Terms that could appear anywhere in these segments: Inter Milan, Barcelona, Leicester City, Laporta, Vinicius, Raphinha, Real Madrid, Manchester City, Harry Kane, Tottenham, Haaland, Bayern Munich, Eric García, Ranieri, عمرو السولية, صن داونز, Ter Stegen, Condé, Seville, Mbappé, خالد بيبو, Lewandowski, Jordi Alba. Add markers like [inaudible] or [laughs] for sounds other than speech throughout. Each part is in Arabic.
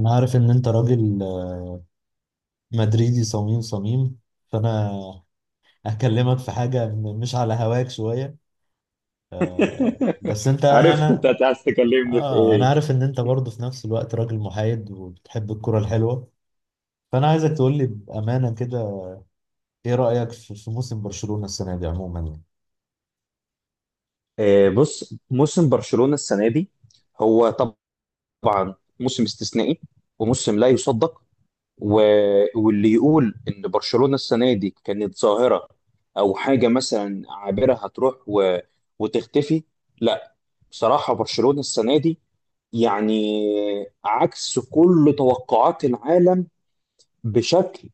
انا عارف ان انت راجل مدريدي صميم صميم. فانا هكلمك في حاجة مش على هواك شوية. [laughs] بس انت يعني عرفت انت عايز تكلمني في انا ايه؟ عارف ان انت برضه في نفس الوقت راجل محايد وبتحب الكرة الحلوة. فانا عايزك تقول لي بأمانة كده، ايه رأيك في موسم برشلونة السنة دي عموما يعني؟ بص، موسم برشلونة السنة دي هو طبعا موسم استثنائي وموسم لا يصدق، و... واللي يقول ان برشلونة السنة دي كانت ظاهرة او حاجة مثلا عابرة هتروح وتختفي، لا. بصراحة برشلونة السنة دي يعني عكس كل توقعات العالم بشكل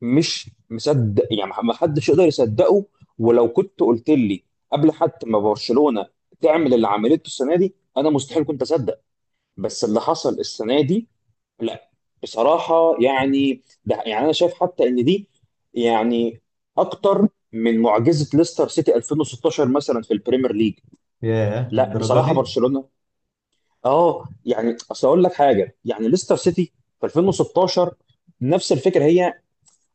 مش مصدق، يعني ما حدش يقدر يصدقه. ولو كنت قلت لي قبل حتى ما برشلونة تعمل اللي عملته السنة دي انا مستحيل كنت اصدق. بس اللي حصل السنة دي لا، بصراحة يعني ده يعني انا شايف حتى ان دي يعني اكتر من معجزة ليستر سيتي 2016 مثلا في البريمير ليج. ياه، لا الدرجة بصراحة دي؟ برشلونة، اه يعني اصل اقول لك حاجة، يعني ليستر سيتي في 2016 نفس الفكره. هي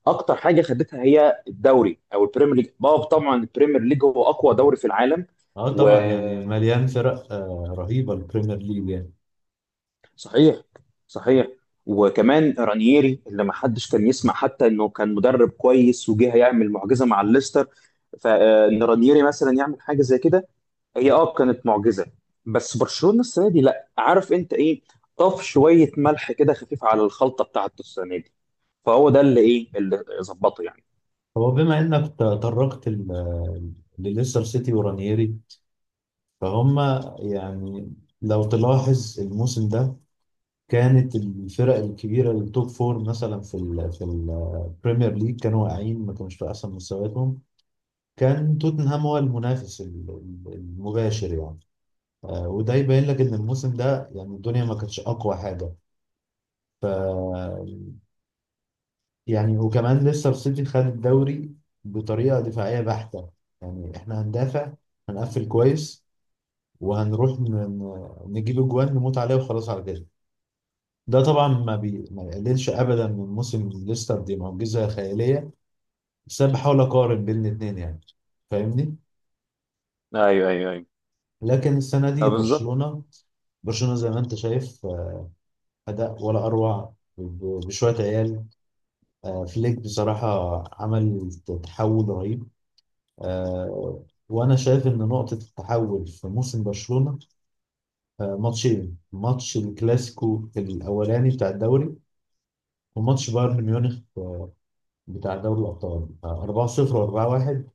اكتر حاجه خدتها هي الدوري او البريمير ليج، اه طبعا البريمير ليج هو اقوى دوري في العالم. اه طبعا يعني وصحيح مليان فرق رهيبة البريمير ليج يعني. صحيح، وكمان رانييري اللي ما حدش كان يسمع حتى انه كان مدرب كويس وجه هيعمل معجزه مع الليستر، فان رانييري مثلا يعمل حاجه زي كده هي اه كانت معجزه. بس برشلونه السنه دي لا، عارف انت ايه؟ طف شويه ملح كده خفيف على الخلطه بتاعته السنه دي، فهو ده اللي ايه اللي ظبطه يعني. هو بما انك تطرقت لليستر سيتي ورانيري فهم، يعني لو تلاحظ الموسم ده كانت الفرق الكبيرة التوب فور مثلا في في البريمير ليج كانوا واقعين، ما كانوش في أحسن مستوياتهم. كان توتنهام هو المنافس المباشر يعني. وده يبين لك إن الموسم ده يعني الدنيا ما كانتش أقوى حاجة. ف يعني وكمان لسه السيتي خد الدوري بطريقة دفاعية بحتة، يعني إحنا هندافع، هنقفل كويس، وهنروح نجيب أجوان نموت عليه وخلاص على كده. ده طبعا ما يقللش ابدا من موسم ليستر، دي معجزه خياليه، بس انا بحاول اقارن بين الاثنين يعني، فاهمني. ايوه ايوه ايوه. لكن السنه دي بالظبط. برشلونه، برشلونه زي ما انت شايف، اداء ولا اروع بشويه عيال. فليك بصراحه عمل تحول رهيب. وانا شايف ان نقطه التحول في موسم برشلونه ماتشين: ماتش الكلاسيكو الاولاني بتاع الدوري، وماتش بايرن ميونخ بتاع دوري الابطال، 4-0 و4-1.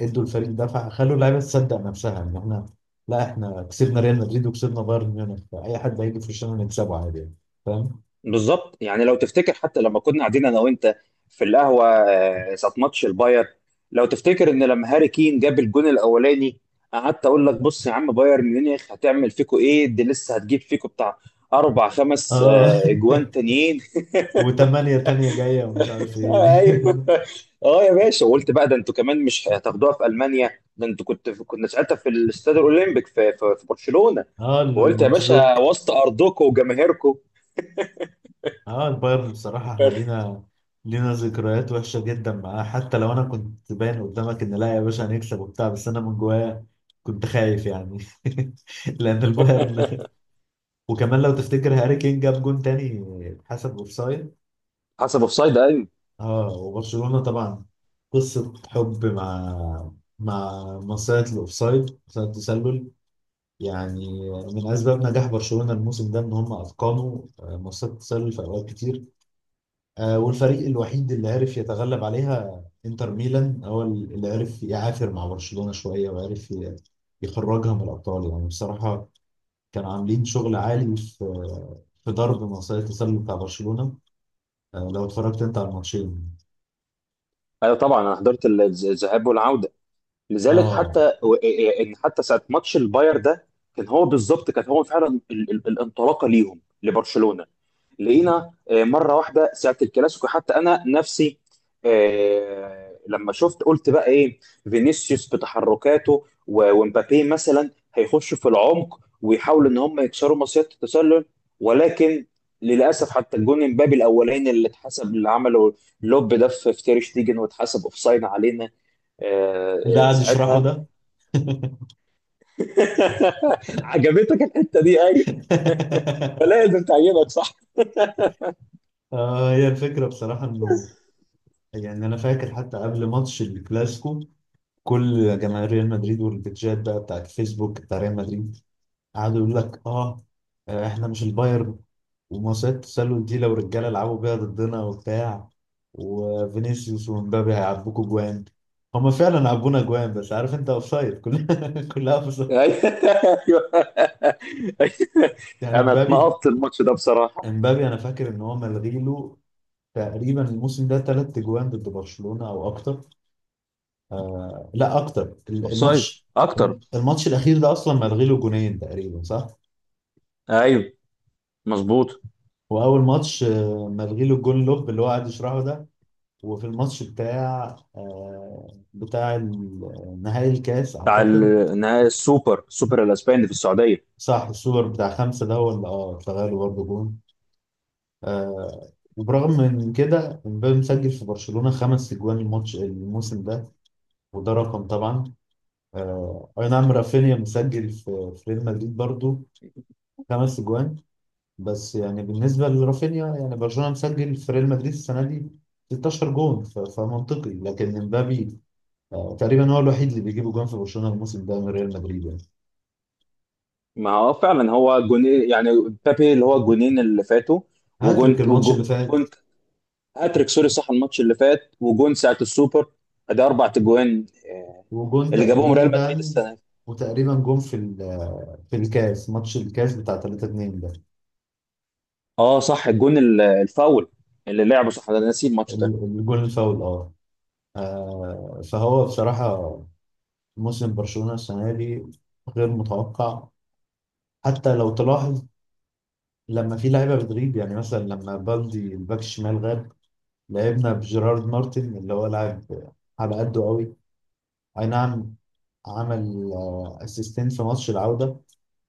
ادوا الفريق دفعه، خلوا اللعيبه تصدق نفسها ان احنا، لا احنا كسبنا ريال مدريد وكسبنا بايرن ميونخ، فاي حد هيجي في وشنا نكسبه عادي يعني. فاهم؟ بالظبط، يعني لو تفتكر حتى لما كنا قاعدين انا وانت في القهوه ساعه ماتش الباير، لو تفتكر ان لما هاري كين جاب الجون الاولاني قعدت اقول لك بص يا عم، بايرن ميونخ هتعمل فيكو ايه، دي لسه هتجيب فيكو بتاع اربع خمس اه. اجوان تانيين. [laughs] [laughs] وثمانية تانية جاية ومش عارف ايه. ايوه. [laughs] اه يا باشا، وقلت بقى ده انتوا كمان مش هتاخدوها في المانيا، ده انتوا كنت في، كنا ساعتها في الاستاد الاولمبيك في برشلونه. اه وقلت يا باشا المونتجويك. وسط ارضكم وجماهيركم. اه البايرن بصراحة، احنا [laughs] لينا، لينا ذكريات وحشة جدا معاه. حتى لو انا كنت باين قدامك ان لا يا باشا هنكسب وبتاع، بس انا من جوايا كنت خايف يعني. [laughs] لان البايرن. وكمان لو تفتكر هاري كين جاب جون تاني اتحسب اوفسايد. حسب اوفسايد ايوه. اه، وبرشلونة طبعا قصة حب مع مصيدة الأوفسايد، مصيدة التسلل. يعني من أسباب نجاح برشلونة الموسم ده إن هم أتقنوا مصيدة التسلل في أوقات كتير. والفريق الوحيد اللي عرف يتغلب عليها إنتر ميلان، هو اللي عرف يعافر مع برشلونة شوية وعرف يخرجها من الأبطال، يعني بصراحة كانوا عاملين شغل عالي في ضرب مصيدة التسلل بتاع برشلونة. لو اتفرجت أنت على الماتشين. ايوه طبعا انا حضرت الذهاب والعوده، لذلك اه، حتى و- إيه- ان حتى ساعه ماتش الباير ده، كان هو بالظبط، كان هو فعلا الانطلاقه ليهم لبرشلونه. لقينا مره واحده ساعه الكلاسيكو، حتى انا نفسي لما شفت قلت بقى ايه، فينيسيوس بتحركاته ومبابي مثلا هيخشوا في العمق ويحاولوا ان هم يكسروا مصيده التسلل، ولكن للاسف حتى الجون امبابي الاولاني اللي اتحسب، اللي عمله لوب ده في تير شتيجن واتحسب اوفسايد علينا. آه، اللي قاعد يشرحه ساعتها. ده. [laughs] عجبتك الحته دي؟ ايوه، فلازم تعجبك. هي الفكرة بصراحة إنه، يعني أنا فاكر حتى قبل ماتش الكلاسيكو، كل جماهير ريال مدريد والبيتجات بقى بتاعت فيسبوك بتاع ريال مدريد قعدوا يقول لك إحنا مش البايرن، ومصيدة التسلل دي لو رجالة لعبوا بيها ضدنا وبتاع، وفينيسيوس ومبابي هيعبوكوا جوان. هما فعلا عبونا جوان، بس عارف انت، اوفسايد كلها، [laughs] كلها اوفسايد. ايوه. [laughs] يعني انا مبابي، اتنقطت الماتش ده بصراحه. مبابي انا فاكر ان هو ملغي له تقريبا الموسم ده 3 اجوان ضد برشلونة او اكتر. آه لا اكتر. اوفسايد. الماتش، اكتر. الماتش الاخير ده اصلا ملغي له جونين تقريبا، صح. ايوه، مظبوط. واول ماتش ملغي له الجون لوب اللي هو قاعد يشرحه ده. وفي الماتش بتاع بتاع نهائي الكاس بتاع اعتقد. النهائي، السوبر، السوبر الاسباني في السعوديه. صح، السوبر بتاع خمسة ده هو اللي اه اتلغى له برضه جون. وبرغم من كده امبابي مسجل في برشلونة 5 اجوان الماتش الموسم ده، وده رقم طبعا. اي نعم، رافينيا مسجل في ريال مدريد برضو 5 اجوان، بس يعني بالنسبه لرافينيا، يعني برشلونه مسجل في ريال مدريد السنه دي 16 جون، فمنطقي. لكن امبابي تقريبا هو الوحيد اللي بيجيب جون في برشلونه الموسم ده من ريال مدريد يعني. ما هو فعلا هو جونين يعني، بابي اللي هو الجونين اللي فاتوا، هاتريك وجون، الماتش اللي فات وجونت هاتريك. سوري، صح الماتش اللي فات وجون ساعه السوبر، ده اربع تجوان وجون اللي جابوهم ريال مدريد تقريبا. السنه دي. وتقريبا جون في في الكاس، ماتش الكاس بتاع 3-2 ده. اه صح، الجون الفاول اللي لعبه صح ده، أنا نسيت الماتش ده. الجون الفاول اه. فهو بصراحه موسم برشلونة السنة دي غير متوقع. حتى لو تلاحظ لما في لعيبة بتغيب، يعني مثلا لما بالدي الباك الشمال غاب لعبنا بجيرارد مارتن، اللي هو لاعب على قده قوي. أي نعم عمل اسيستين في ماتش العودة،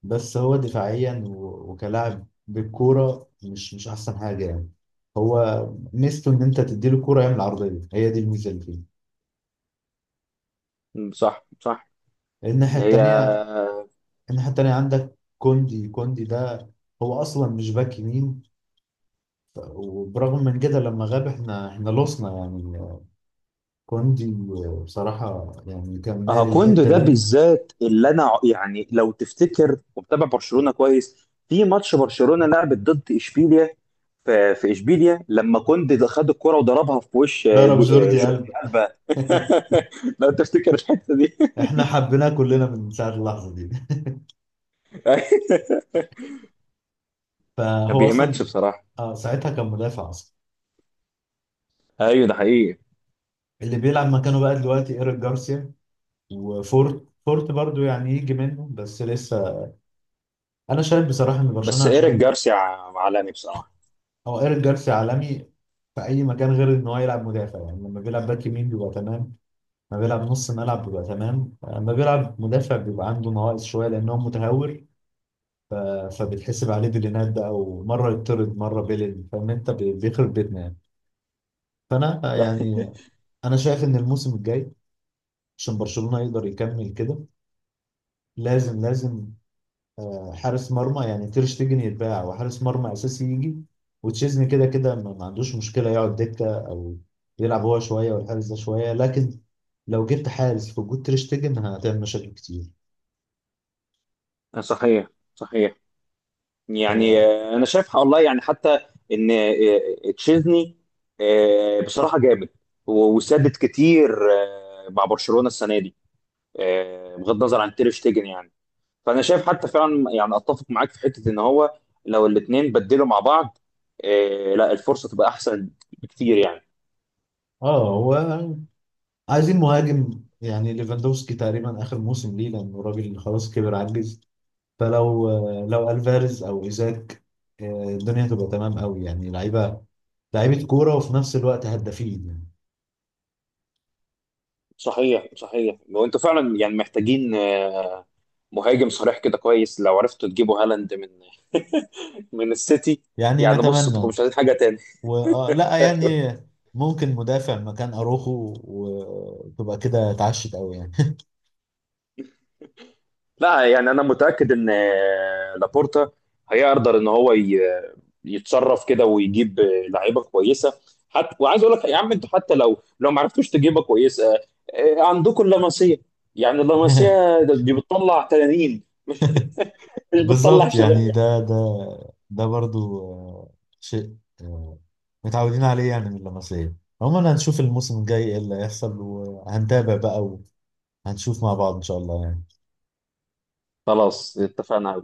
بس هو دفاعيا وكلاعب بالكورة مش أحسن حاجة يعني. هو ميزته إن أنت تديله الكورة يعمل عرضية، هي دي الميزة اللي فيه. م، صح صح. الناحية هي التانية، الناحية التانية عندك كوندي. كوندي ده هو اصلا مش باك يمين، وبرغم من كده لما غاب احنا لوسنا يعني. كوندي بصراحة يعني كان مالي كوندو الحتة ده دي. بالذات اللي انا يعني لو تفتكر ومتابع برشلونه كويس، في ماتش برشلونه لعبت ضد اشبيليا في اشبيليا، لما كوندي ده خد الكرة وضربها في وش ضرب جوردي جوردي قلب. ألبا. [laughs] [laughs] لو تفتكر الحته دي. احنا حبيناه كلنا من ساعة اللحظة دي. [laughs] ما فهو اصلا بيهمتش بصراحه. اه ساعتها كان مدافع اصلا. ايوه ده حقيقي. اللي بيلعب مكانه بقى دلوقتي ايريك جارسيا وفورت. فورت برضو يعني يجي منه بس لسه. انا شايف بصراحة ان بس برشلونة ايريك عشان، جارسيا عالمي بصراحه. هو ايريك جارسيا عالمي في اي مكان غير ان هو يلعب مدافع. يعني لما بيلعب باك يمين بيبقى تمام، ما بيلعب نص ملعب بيبقى تمام، اما بيلعب مدافع بيبقى عنده نواقص شويه لان هو متهور. ف... فبتحسب عليه بالينات، ده او مره يطرد مره بيلين، فاهم انت، بيخرب بيتنا يعني. فانا [laughs] يعني، انا شايف ان الموسم الجاي عشان برشلونه يقدر يكمل كده لازم، لازم حارس مرمى. يعني تير شتيجن يتباع وحارس مرمى اساسي يجي، وتشيزني كده كده ما عندوش مشكله يقعد دكه، او يلعب هو شويه والحارس ده شويه. لكن لو جبت حارس في وجود تير شتيجن هتعمل مشاكل كتير. صحيح صحيح. يعني آه، انا شايف والله يعني حتى ان تشيزني بصراحه جامد، وسدد كتير مع برشلونه السنه دي، بغض النظر عن تير شتيجن يعني. فانا شايف حتى فعلا يعني اتفق معاك في حته ان هو لو الاثنين بدلوا مع بعض لا الفرصه تبقى احسن بكتير يعني. اه هو عايزين مهاجم. يعني ليفاندوفسكي تقريبا اخر موسم ليه لانه راجل خلاص كبر عجز. فلو لو الفاريز او ايزاك الدنيا هتبقى تمام قوي. يعني لعيبه، لعيبه كوره وفي نفس الوقت هدافين يعني. صحيح صحيح. وانتوا فعلا يعني محتاجين مهاجم صريح كده كويس، لو عرفتوا تجيبوا هالاند من [laughs] من السيتي، يعني يعني بص تبقوا نتمنى. مش عايزين حاجه تاني. و... آه لا يعني ممكن مدافع مكان اروخو وتبقى كده اتعشت قوي يعني. لا يعني انا متاكد ان لابورتا هيقدر ان هو يتصرف كده ويجيب لعيبه كويسه. حتى وعايز اقول لك يا عم انتوا حتى لو ما عرفتوش تجيبها كويسه، عندكم اللمسيه، يعني اللمسيه [laughs] دي بتطلع تنانين، مش مش بتطلع بالظبط شباب يعني يعني. ده برضو شيء متعودين عليه يعني من اللمسية. عموما هنشوف الموسم الجاي ايه اللي هيحصل، وهنتابع بقى وهنشوف مع بعض ان شاء الله يعني. خلاص اتفقنا.